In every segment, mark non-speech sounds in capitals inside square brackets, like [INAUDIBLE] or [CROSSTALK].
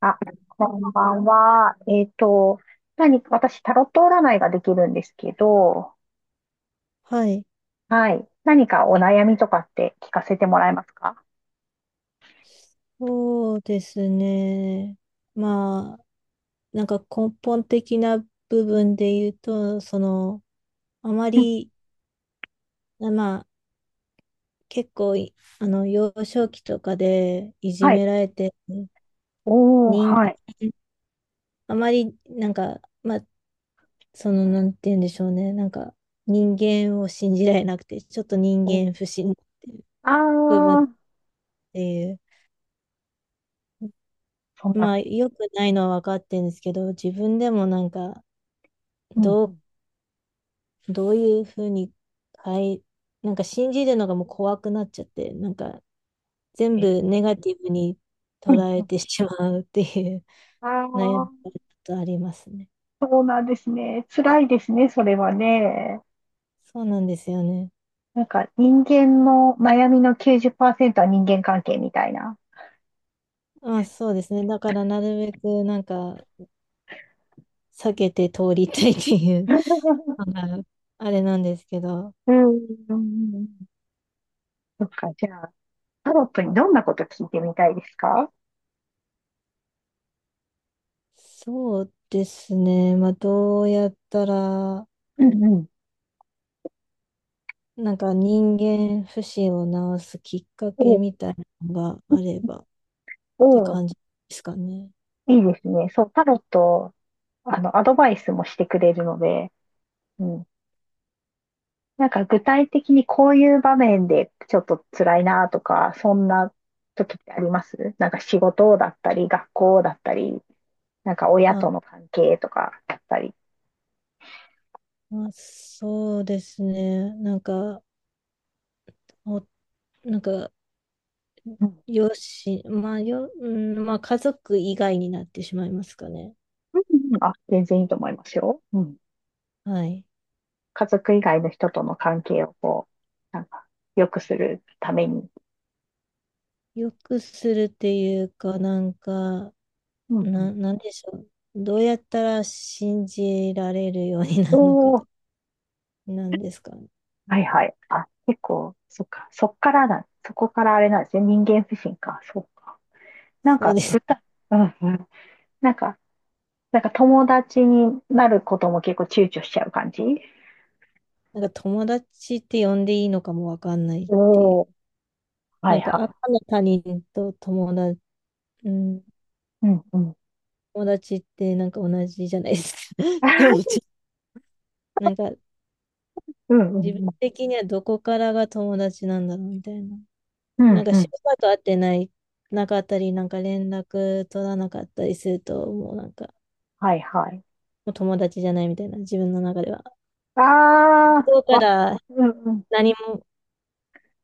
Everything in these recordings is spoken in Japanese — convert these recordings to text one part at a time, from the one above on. あ、こんばんは。何か、私、タロット占いができるんですけど、はい。はい。何かお悩みとかって聞かせてもらえますか？そうですね。まあ、根本的な部分で言うと、あまうん。り、あまあ、結構い、あの、幼少期とかでいじはい。められて、おー、人、はい。あまり、なんか、まあ、その、なんて言うんでしょうね。人間を信じられなくて、ちょっと人おー、間不信っていうあ部分っー、ていう。そんな、まあ、良くないのは分かってるんですけど、自分でもなんか、うん、どううん。どういうふうに、はい、なんか信じるのがもう怖くなっちゃって、なんか全え部ー、ネガティブに捉うえん、てしまうっていう あ [LAUGHS] 悩みー、がちょっとありますね。そうなんですね。辛いですね、それはね。そうなんですよね。なんか、人間の悩みの90%は人間関係みたいな。まあそうですね。だからなるべくなんか避けて通りたいっていう [LAUGHS] [LAUGHS] のがあれなんですけど、うん、うん。うん。うん。そっか、じゃあ。タロットにどんなこと聞いてみたいですか？そうですね。まあどうやったら、うん、うん。なんか人間不信を直すきっかおけう。みたいなのがあれば、ておう、感じですかね。いいですね。そう、タロット、アドバイスもしてくれるので、うん。なんか具体的にこういう場面でちょっと辛いなとか、そんな時ってあります？なんか仕事だったり、学校だったり、なんか親あ、との関係とかだったり。まあ、そうですね。おなんか、うん。よし、まあ、よ、うん、まあ、家族以外になってしまいますかね。うん、うん。あ、全然いいと思いますよ。うん。はい。家族以外の人との関係をこう、なんか良くするために。よくするっていうか、うん、うん。なんでしょう。どうやったら信じられるようになおるのかと、ー、なんですかね。はい、はい。あ、結構、そっか。そっからだ。そこからあれなんですね。人間不信か。そうか。なんそうか、です。具体、うん、うん。なんか、なんか友達になることも結構躊躇しちゃう感じ？なんか、友達って呼んでいいのかもわかんないっていう。おおー、はない、んはか、い。赤の他人と友達、うんうん、うん。友達ってなんか同じじゃないですか。[LAUGHS] でも、[LAUGHS] ちなんかうん、うん、自分うん。的にはどこからが友達なんだろうみたいな。うなんん、かうしん。ばらく会ってない、なかったり、なんか連絡取らなかったりすると、もうなんか、はい、はい。もう友達じゃないみたいな、自分の中では。あ向あ、こうかわからる。うん、うん。何も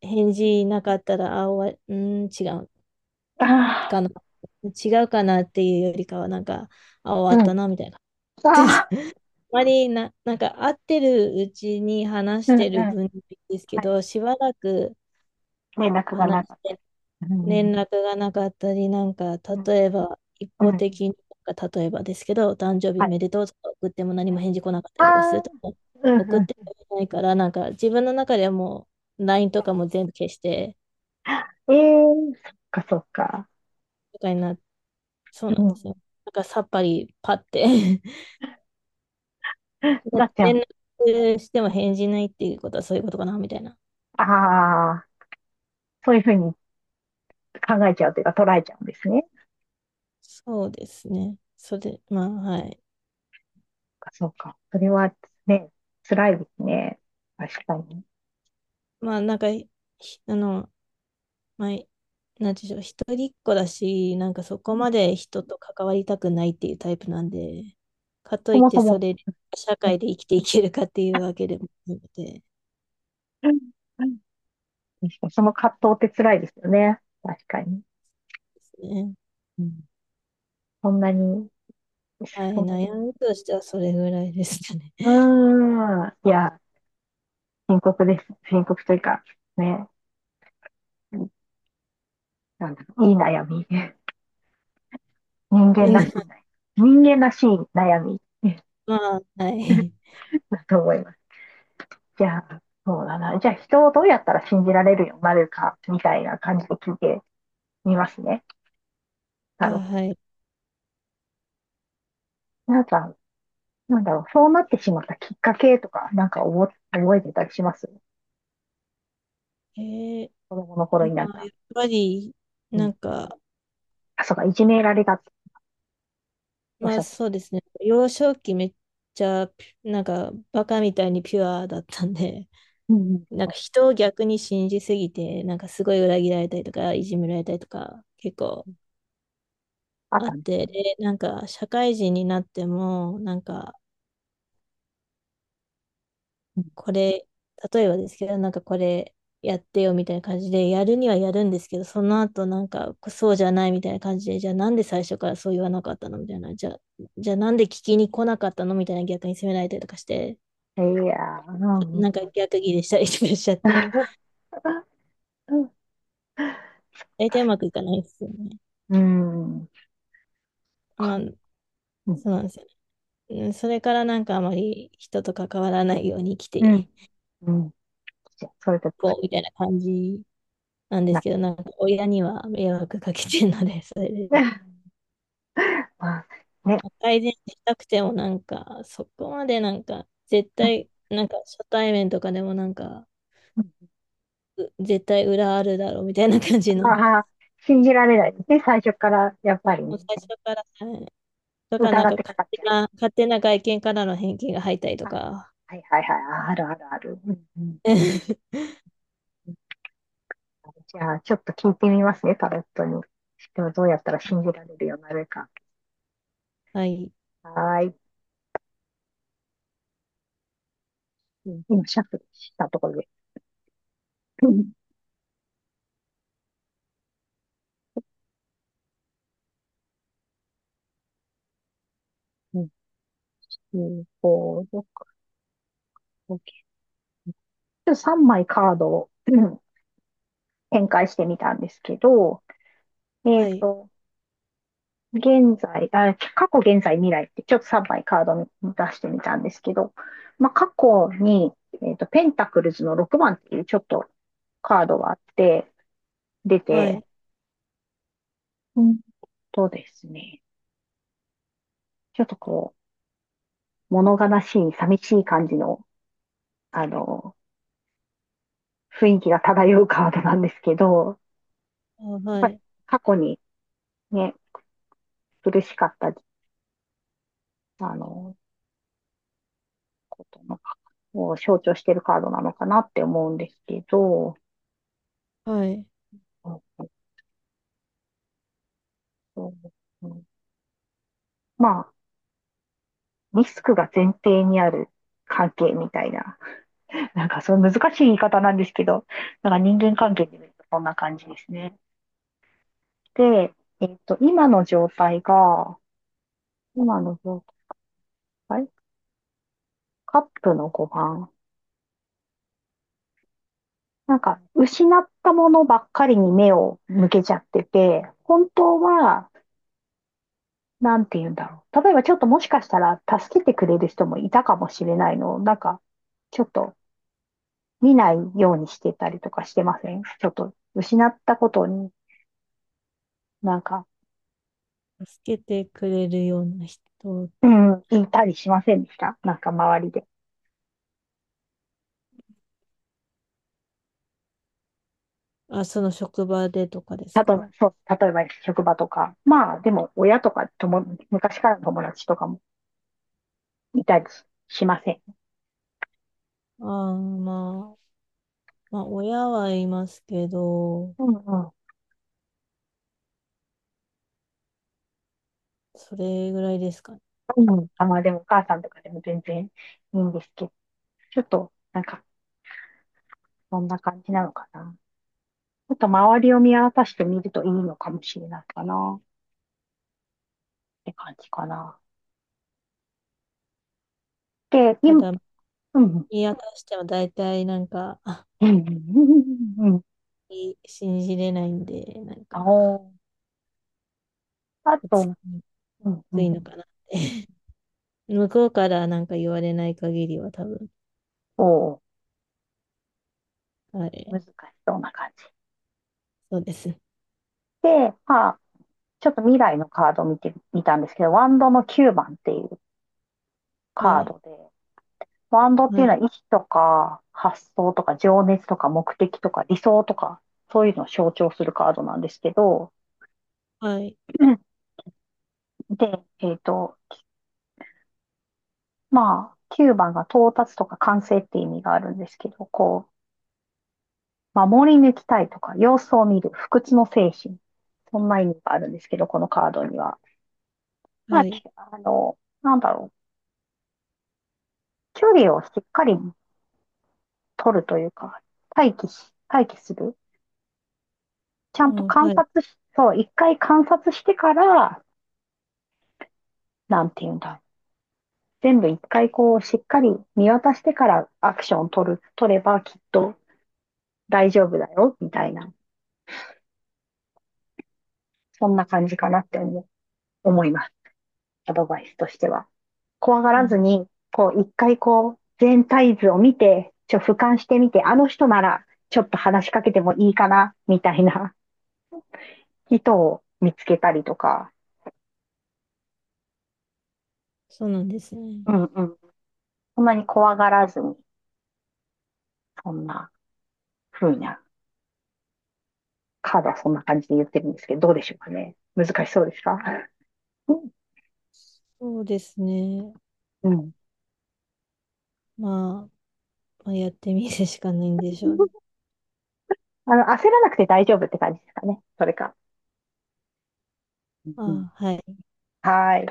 返事なかったら、あ、終わり、うん、違うあかあ、な。違うかなっていうよりかは、なんか、あ、終うわったん。な、みたいな。ああ、[LAUGHS] まりな、なんか会ってるうちに話しうん、うん。てる分ですけはい。ど、しばらく連絡が話なしかったり。てうん、う連ん、絡がなかったり、なんかうん。例えば一うん、方うん。的に、なんか例えばですけど、お誕生日おはい。めでとうとか送っても何はもい。返事来なかったありとかするあ、と、もううん、送っうてん。くれないから、なんか自分の中ではもう LINE とかも全部消して、ええー、そっか、そっか。とかにな、そうなうんでん。すよ。なんかさっぱりパって [LAUGHS] なっちゃ連ん。絡しても返事ないっていうことはそういうことかな、みたいな。ああ、そういうふうに考えちゃうというか捉えちゃうんですね。そそうですね。それ、まあ、はい。っか、そっか。それはね、辛いですね。確かに。まあ、なんか、ひあの、まあ、なんていうんでしょう、一人っ子だし、なんかそこまで人と関わりたくないっていうタイプなんで、かとそいっもてそそも。れ、社う会ん。で生きていけるかっていうわけでもなくてうん、うん。確かに、その葛藤って辛いですよね。確かに。ですね。うん。そんなに、はい、そんな悩に。みとしてはそれぐらいですかね。うーん。いや、深刻です。深刻というか、ね。なんだろう、いい悩み。人間らしい悩 [LAUGHS] み。人間らしい悩み。 [LAUGHS] まあ、はい。だと思います。じゃあ、そうだな。じゃあ、人をどうやったら信じられるようになるか、みたいな感じで聞いてみますね。あ、タロットはに。い。なんか、なんだろう、そうなってしまったきっかけとか、なんか覚えてたりします？えー、子供の頃になんまあ、やか。っぱり、うなん。んか、あ、そうか、いじめられたっておっましあゃった。そうですね。幼少期めっちゃピュ、なんかバカみたいにピュアだったんで、[LAUGHS] うん、うん。なんか人を逆に信じすぎて、なんかすごい裏切られたりとか、いじめられたりとか結構あっあったね。て、で、なんか社会人になっても、なんかうん。これ、例えばですけど、なんかこれやってよみたいな感じで、やるにはやるんですけど、その後なんかそうじゃないみたいな感じで、じゃあなんで最初からそう言わなかったのみたいな、じゃあ、じゃあなんで聞きに来なかったのみたいな逆に責められたりとかして、いやー、うん、うん。なんか逆ギレしたりとかしちゃって、[LAUGHS] [LAUGHS] うん、大体う確まかくいかないですよね。に。うん。まか、あ、うん。そうなんですよね。うん、それからなんかあまり人と関わらないように生きてういん。うん。じゃあ、それでこうみたいな感じなんでなすっけちゃど、う。なんか親には迷惑かけてるので、[LAUGHS] それで[LAUGHS] まあ、ね。改善したくてもなんか、そこまでなんか、絶うん、対、なんか初対面とかでもなんか、絶対裏あるだろうみたいな感じの、[LAUGHS] ああ、信じられないですね。最初から、やっもぱりね、う最初から、はい、だからなん疑っかてかかっちゃう。勝手な外見からの偏見が入ったりとあ、か、はい、はい、はい。あ、あるあるある。うん、うん、 [LAUGHS] うん。じゃあ、ちょっと聞いてみますね、タロットに。でもどうやったら信じられるようになるか。はい、はーい。うん、今、シャッフルしたところで。うん、うん、うん、こう、ちょっと3枚カードをうん展開してみたんですけど、えっはい、と、現在、あ、過去、現在、未来ってちょっと3枚カードに出してみたんですけど、まあ、過去に、ペンタクルズの6番っていうちょっとカードがあって、出はて、い、うんとですね、ちょっとこう、物悲しい、寂しい感じの、あの、雰囲気が漂うカードなんですけど、あやっはぱりい、過去にね、苦しかった、あの、ことのを象徴してるカードなのかなって思うんですけど、はい。うん、まあ、リスクが前提にある関係みたいな。[LAUGHS] なんか、そう難しい言い方なんですけど、なんか人間関係で見るとこんな感じですね。で、えっと、今の状態が、今の状態カップの5番。なんか、失ったものばっかりに目を向けちゃってて、本当は、なんて言うんだろう。例えばちょっともしかしたら助けてくれる人もいたかもしれないのを、なんか、ちょっと見ないようにしてたりとかしてません？ちょっと失ったことになんか、助けてくれるような人、うん、いたりしませんでした？なんか周りで。あ、その職場でとかです例えば、か？そう、例えば職場とか。まあ、でも親とか昔からの友達とかもいたりし、しません。ああ、まあ、まあ、親はいますけど、うん、うん。それぐらいですかね。うん。あ、まあでもお母さんとかでも全然いいんですけど、ちょっと、なんか、そんな感じなのかな。ちょっと周りを見渡してみるといいのかもしれないかな、って感じかな。で、た今、だ、うん、うん、見渡しては大体なんか、うん、信じれないんで、なんあか、お、あお付と、きにうん、うくいん、のかなって。[LAUGHS] 向こうからなんか言われない限りは多分、おお、は難い、しそうな感じ。そうです。で、まあ、ちょっと未来のカードを見てみたんですけど、ワンドの9番っていうはカーい、ドで、ワンドってはいうのい、は意志とか発想とか情熱とか目的とか理想とか、そういうのを象徴するカードなんですけど、はい、で、えっと、まあ、9番が到達とか完成って意味があるんですけど、こう、守り抜きたいとか、様子を見る、不屈の精神。そんな意味があるんですけど、このカードには。まあ、はきい、あの、なんだろう。距離をしっかり取るというか、待機する。ちゃうんとん、観はい、察し、そう、一回観察してから、なんていうんだ。全部一回こう、しっかり見渡してからアクションを取る、取ればきっと大丈夫だよ、みたいな。そんな感じかなって思います。アドバイスとしては。怖がうらずん、に、こう、一回こう、全体図を見て、俯瞰してみて、あの人なら、ちょっと話しかけてもいいかな、みたいな人を見つけたりとか、そうなんですね。うん、うん。そんなに怖がらずに、そんな風な、カードはそんな感じで言ってるんですけど、どうでしょうかね。難しそうですか？うん。そうですね。うん、まあ、まあ、やってみるしかないんでしょうね。焦らなくて大丈夫って感じですかね。それか。うん。あ、はい。はい。